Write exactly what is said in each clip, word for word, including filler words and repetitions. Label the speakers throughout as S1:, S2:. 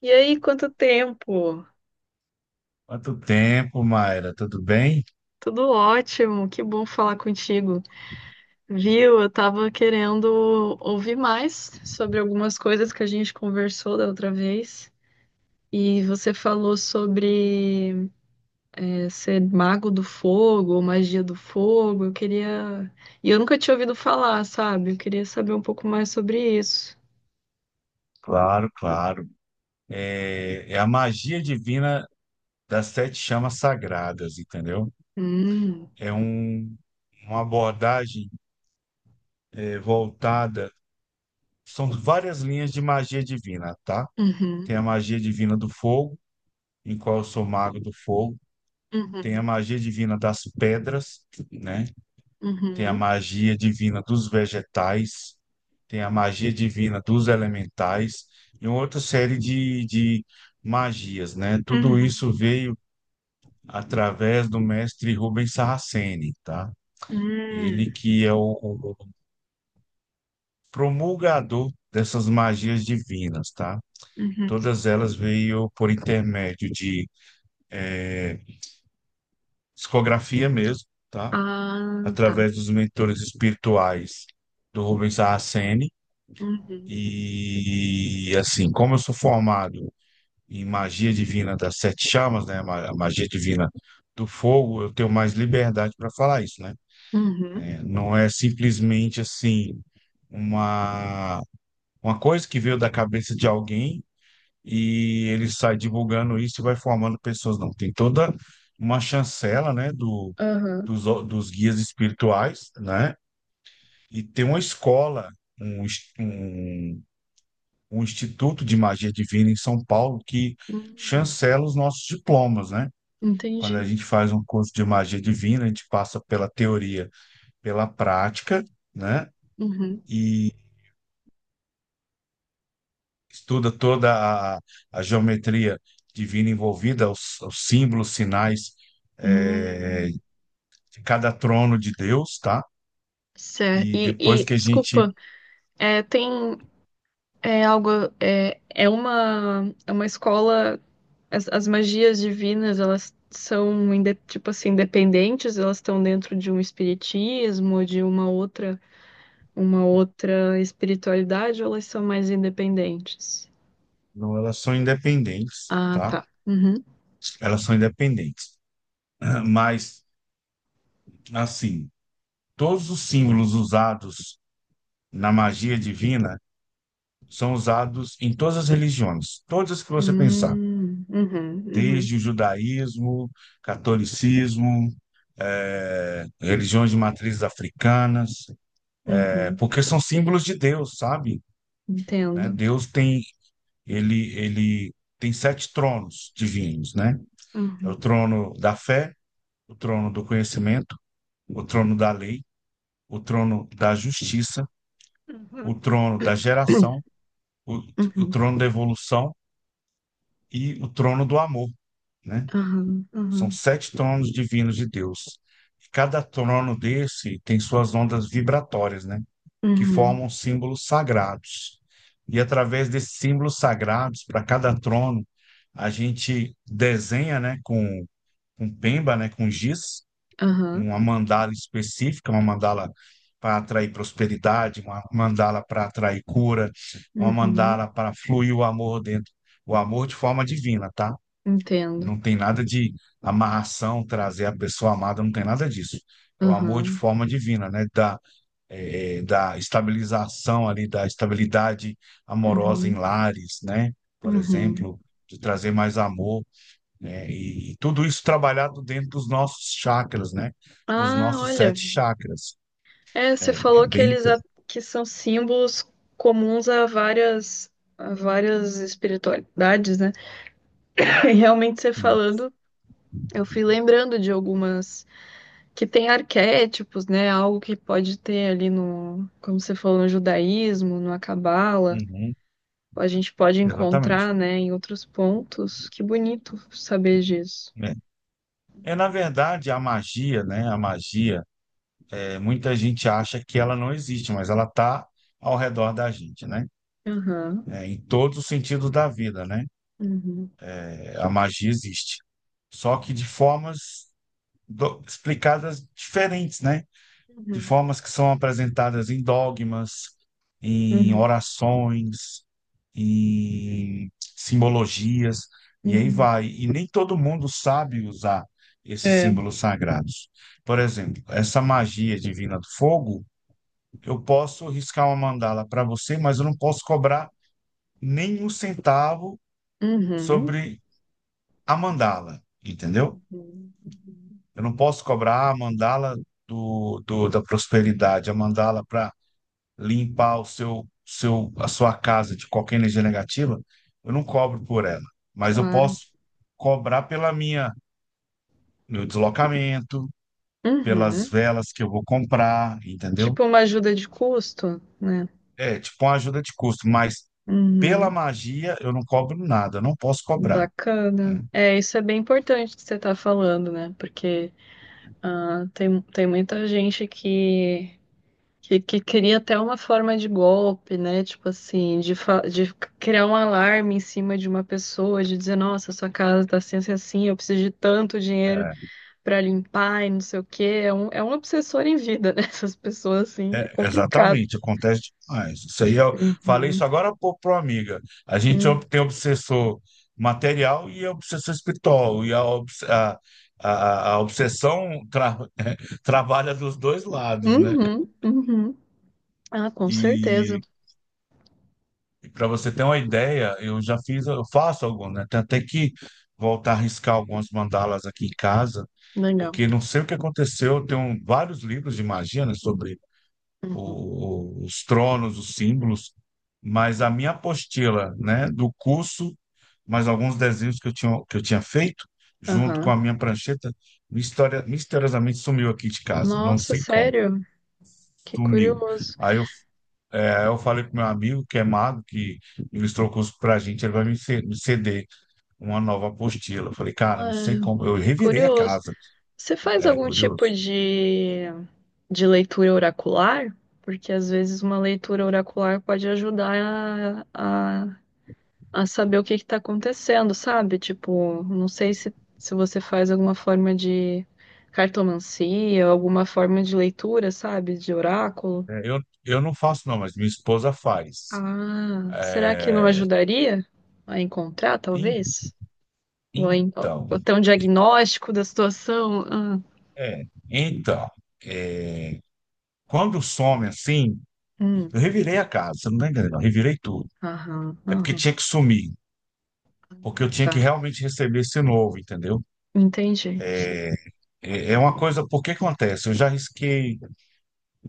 S1: E aí, quanto tempo?
S2: Quanto tempo, Mayra? Tudo bem?
S1: Tudo ótimo, que bom falar contigo. Viu? Eu tava querendo ouvir mais sobre algumas coisas que a gente conversou da outra vez. E você falou sobre eh, ser mago do fogo, ou magia do fogo. Eu queria. E eu nunca tinha ouvido falar, sabe? Eu queria saber um pouco mais sobre isso.
S2: Claro, claro. É, é a magia divina das sete chamas sagradas, entendeu?
S1: Hum.
S2: É um, uma abordagem é, voltada. São várias linhas de magia divina, tá?
S1: Uhum.
S2: Tem a magia divina do fogo, em qual eu sou mago do fogo. Tem a
S1: Uhum.
S2: magia divina das pedras, né? Tem a
S1: Uhum.
S2: magia divina dos vegetais. Tem a magia divina dos elementais e uma outra série de, de magias, né? Tudo
S1: Uhum.
S2: isso veio através do mestre Rubens Saraceni, tá?
S1: Uhum.
S2: Ele que é o, o promulgador dessas magias divinas, tá?
S1: Uhum.
S2: Todas elas veio por intermédio de eh, psicografia mesmo, tá?
S1: Ah, tá.
S2: Através dos mentores espirituais do Rubens Saraceni.
S1: Uhum.
S2: E assim, como eu sou formado em magia divina das sete chamas, né? ma- A magia divina do fogo, eu tenho mais liberdade para falar isso, né?
S1: Uhum.
S2: É, não é simplesmente assim uma uma coisa que veio da cabeça de alguém e ele sai divulgando isso e vai formando pessoas, não. Tem toda uma chancela, né? Do
S1: Aham.
S2: dos, o- dos guias espirituais, né? E tem uma escola, um, ins- um, um instituto de magia divina em São Paulo que
S1: Hum,
S2: chancela os nossos diplomas, né? Quando a
S1: entendi.
S2: gente faz um curso de magia divina, a gente passa pela teoria, pela prática, né?
S1: Uhum.
S2: E estuda toda a, a geometria divina envolvida, os, os símbolos, sinais, eh,
S1: Hum,
S2: de cada trono de Deus, tá?
S1: certo.
S2: E
S1: E,
S2: depois
S1: e,
S2: que a gente.
S1: desculpa, é, tem é algo é, é uma é uma escola as, as magias divinas elas são inde- tipo assim independentes, elas estão dentro de um espiritismo, de uma outra uma outra espiritualidade, ou elas são mais independentes?
S2: Não, elas são independentes,
S1: Ah,
S2: tá?
S1: tá. Uhum.
S2: Elas são independentes. Mas, assim, todos os símbolos usados na magia divina são usados em todas as religiões, todas que você pensar.
S1: Hum, uhum, uhum,
S2: Desde o judaísmo, catolicismo, eh, religiões de matrizes africanas, eh,
S1: uhum.
S2: porque são símbolos de Deus, sabe? Né?
S1: Entendo.
S2: Deus tem ele ele tem sete tronos divinos, né? É o
S1: Uhum.
S2: trono da fé, o trono do conhecimento, o trono da lei, o trono da justiça, o
S1: Uhum.
S2: trono da geração, o, o
S1: Uhum.
S2: trono da evolução e o trono do amor, né?
S1: Aham.
S2: São
S1: Uhum.
S2: sete tronos divinos de Deus. Cada trono desse tem suas ondas vibratórias, né? Que
S1: Uhum.
S2: formam símbolos sagrados. E através desses símbolos sagrados, para cada trono, a gente desenha, né? Com, com pemba, né? Com giz,
S1: Aham.
S2: uma mandala específica, uma mandala para atrair prosperidade, uma mandala para atrair cura, uma
S1: Uhum.
S2: mandala para fluir o amor dentro, o amor de forma divina, tá?
S1: Entendo.
S2: Não tem nada de amarração, trazer a pessoa amada, não tem nada disso. É o amor de
S1: Aham.
S2: forma divina, né? Da, eh, eh, da estabilização ali, da estabilidade amorosa em
S1: Uhum.
S2: lares, né? Por
S1: Uhum.
S2: exemplo, de trazer mais amor, né? E, e tudo isso trabalhado dentro dos nossos chakras, né? Dos
S1: Ah,
S2: nossos
S1: olha.
S2: sete chakras.
S1: É, você
S2: É, é
S1: falou que
S2: bem.
S1: eles
S2: inter-
S1: a- que são símbolos comuns a várias a várias espiritualidades, né? E realmente você falando, eu fui lembrando de algumas que tem arquétipos, né? Algo que pode ter ali no, como você falou, no judaísmo, na cabala.
S2: Uhum,
S1: A gente pode
S2: exatamente.
S1: encontrar, né, em outros pontos. Que bonito saber disso.
S2: É. É, na verdade, a magia, né? A magia é, muita gente acha que ela não existe, mas ela está ao redor da gente, né?
S1: Aham.
S2: É, em todos os sentidos da vida, né?
S1: Uhum.
S2: É, a magia existe, só que de formas do- explicadas diferentes, né? De
S1: Uhum.
S2: formas que são apresentadas em dogmas, em
S1: Uhum.
S2: orações, em simbologias, e aí
S1: Uhum.
S2: vai. E nem todo mundo sabe usar esses
S1: É.
S2: símbolos sagrados. Por exemplo, essa magia divina do fogo, eu posso riscar uma mandala para você, mas eu não posso cobrar nenhum centavo
S1: Uhum.
S2: sobre a mandala, entendeu?
S1: Uhum. Uhum.
S2: Eu não posso cobrar a mandala do, do- da prosperidade, a mandala para limpar o seu, seu, a sua casa de qualquer energia negativa. Eu não cobro por ela, mas eu
S1: Claro.
S2: posso cobrar pela minha, meu deslocamento, pelas
S1: Uhum.
S2: velas que eu vou comprar, entendeu?
S1: Tipo uma ajuda de custo, né?
S2: É tipo uma ajuda de custo, mas pela
S1: Uhum.
S2: magia eu não cobro nada, eu não posso cobrar.
S1: Bacana. É, isso é bem importante que você tá falando, né? Porque ah, tem, tem muita gente que Que, que cria até uma forma de golpe, né? Tipo assim, de, fa- de criar um alarme em cima de uma pessoa, de dizer, nossa, sua casa tá assim, assim, assim, eu preciso de tanto dinheiro pra limpar e não sei o quê. É um, é um obsessor em vida, né? Essas pessoas, assim, é
S2: É,
S1: complicado.
S2: exatamente, acontece demais. Isso aí eu falei
S1: Uhum,
S2: isso agora há pouco para uma amiga. A gente ob-
S1: uhum,
S2: tem obsessor material e obsessor espiritual, e a, obs- a, a, a obsessão tra- trabalha dos dois lados, né?
S1: uhum. Uhum. Ah, com certeza.
S2: E para você ter uma ideia, eu já fiz, eu faço algumas, né? Tenho até que voltar a riscar algumas mandalas aqui em casa.
S1: Legal.
S2: Porque não sei o que aconteceu. Tem um- vários livros de magia, né, sobre
S1: Uhum.
S2: o- os tronos, os símbolos, mas a minha apostila, né, do curso, mais alguns desenhos que eu tinha, que eu tinha feito, junto com
S1: Aham.
S2: a minha prancheta, misteri- misteriosamente sumiu aqui de casa, não
S1: Nossa,
S2: sei como.
S1: sério? Que
S2: Sumiu.
S1: curioso.
S2: Aí eu, é, eu falei pro meu amigo, que é mago, que ilustrou o curso pra gente, ele vai me ce- me ceder uma nova apostila. Eu falei, cara, não sei
S1: Ah,
S2: como. Eu revirei a
S1: curioso.
S2: casa.
S1: Você faz
S2: É
S1: algum tipo
S2: curioso.
S1: de, de leitura oracular? Porque às vezes uma leitura oracular pode ajudar a, a, a saber o que está acontecendo, sabe? Tipo, não sei se, se você faz alguma forma de cartomancia, alguma forma de leitura, sabe? De oráculo.
S2: É, Eu, eu não faço, não, mas minha esposa faz.
S1: Ah, será que não
S2: É,
S1: ajudaria a encontrar,
S2: en-
S1: talvez? Ou, em- ou
S2: então,
S1: ter um diagnóstico da situação? Ah,
S2: é, então, é, Quando some assim,
S1: hum,
S2: eu revirei a casa, você não tá entendendo, eu revirei tudo.
S1: aham,
S2: É porque
S1: aham,
S2: tinha que sumir, porque eu tinha que
S1: tá.
S2: realmente receber esse novo, entendeu?
S1: Entendi, sim.
S2: É, é, é uma coisa, porque acontece? Eu já risquei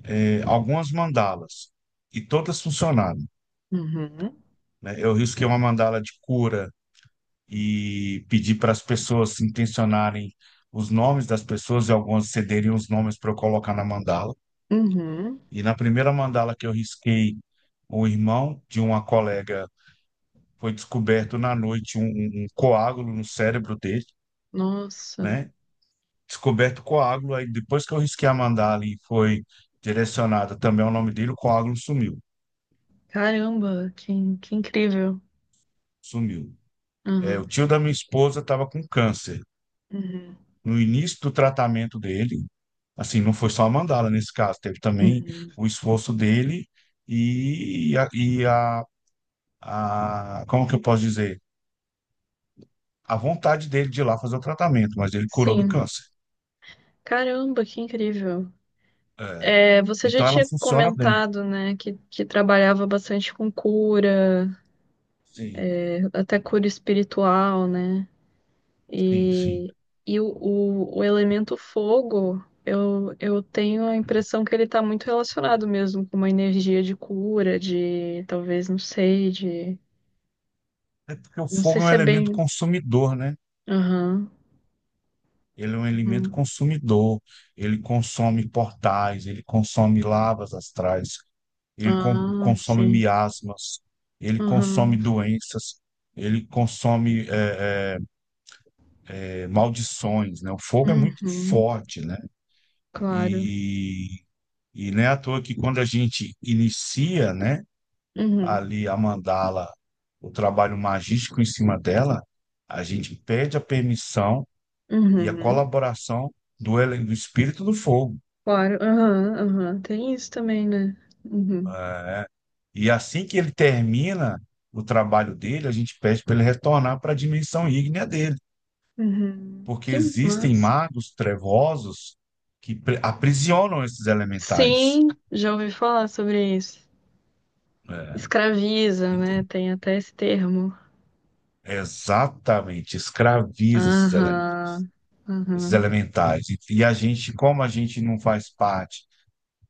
S2: é, algumas mandalas e todas funcionaram,
S1: Uhum,
S2: né? Eu risquei uma mandala de cura e pedir para as pessoas intencionarem os nomes das pessoas e algumas cederiam os nomes para eu colocar na mandala.
S1: uhum.
S2: E na primeira mandala que eu risquei, o irmão de uma colega foi descoberto na noite um, um um coágulo no cérebro dele,
S1: Nossa,
S2: né? Descoberto o coágulo, aí depois que eu risquei a mandala e foi direcionada também ao nome dele, o coágulo sumiu.
S1: caramba, que, que incrível.
S2: Sumiu. É, o
S1: Uhum,
S2: tio da minha esposa estava com câncer.
S1: uhum,
S2: No início do tratamento dele, assim, não foi só a mandala nesse caso, teve também
S1: uhum.
S2: o esforço dele e, a, e a, a- como que eu posso dizer? A vontade dele de ir lá fazer o tratamento, mas ele curou do
S1: Sim,
S2: câncer.
S1: caramba, que incrível.
S2: É.
S1: É, você já
S2: Então ela
S1: tinha
S2: funciona bem.
S1: comentado, né, que, que trabalhava bastante com cura,
S2: Sim,
S1: até cura espiritual, né?
S2: sim, sim.
S1: E, e o, o, o elemento fogo, eu, eu tenho a impressão que ele está muito relacionado mesmo com uma energia de cura, de talvez, não sei, de
S2: É porque o
S1: não sei
S2: fogo é um
S1: se é
S2: elemento
S1: bem.
S2: consumidor, né?
S1: Aham.
S2: Ele é um elemento
S1: Uhum.
S2: consumidor, ele consome portais, ele consome lavas astrais, ele con-
S1: Ah,
S2: consome
S1: sim.
S2: miasmas, ele consome
S1: Aham.
S2: doenças, ele consome é, é, é, maldições, né? O fogo é muito
S1: Uhum.
S2: forte, né?
S1: Claro.
S2: E, e não é à toa que quando a gente inicia, né,
S1: Uhum.
S2: ali a mandala, o trabalho magístico em cima dela, a gente pede a permissão e a
S1: Uhum.
S2: colaboração do, ele- do espírito do fogo.
S1: Claro. Aham. Aham. Tem isso também, né? Uhum.
S2: É. E assim que ele termina o trabalho dele, a gente pede para ele retornar para a dimensão ígnea dele.
S1: Uhum.
S2: Porque
S1: Que
S2: existem
S1: massa.
S2: magos trevosos que pre- aprisionam esses elementais.
S1: Sim, já ouvi falar sobre isso.
S2: Né?
S1: Escraviza,
S2: Então,
S1: né? Tem até esse termo.
S2: é exatamente, escraviza esses, ele-
S1: Aham.
S2: esses
S1: Aham.
S2: elementais. E, e a gente, como a gente não faz parte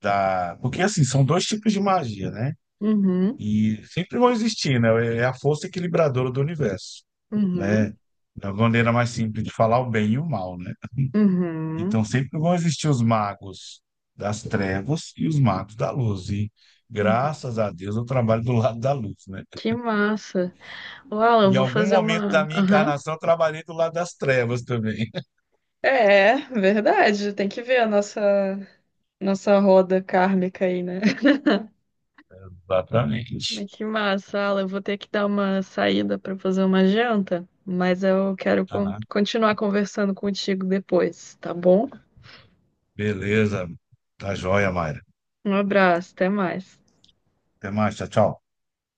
S2: da. Porque assim, são dois tipos de magia, né?
S1: Uhum.
S2: E sempre vão existir, né? É é a força equilibradora do universo, né?
S1: Uhum.
S2: É uma maneira mais simples de falar o bem e o mal, né?
S1: Uhum.
S2: Então sempre vão existir os magos das trevas e os magos da luz. E
S1: Uhum.
S2: graças a Deus eu trabalho do lado da luz, né?
S1: Que massa. Uau, eu
S2: Em
S1: vou
S2: algum
S1: fazer
S2: momento da
S1: uma.
S2: minha
S1: Aham.
S2: encarnação eu trabalhei do lado das trevas também.
S1: É, verdade. Tem que ver a nossa, nossa roda kármica aí, né?
S2: Exatamente.
S1: Mas que massa, Alan. Eu vou ter que dar uma saída para fazer uma janta, mas eu quero con-
S2: Aham.
S1: continuar conversando contigo depois, tá bom?
S2: Beleza. Tá joia, Mayra.
S1: Um abraço, até mais.
S2: Até mais. Tchau, tchau.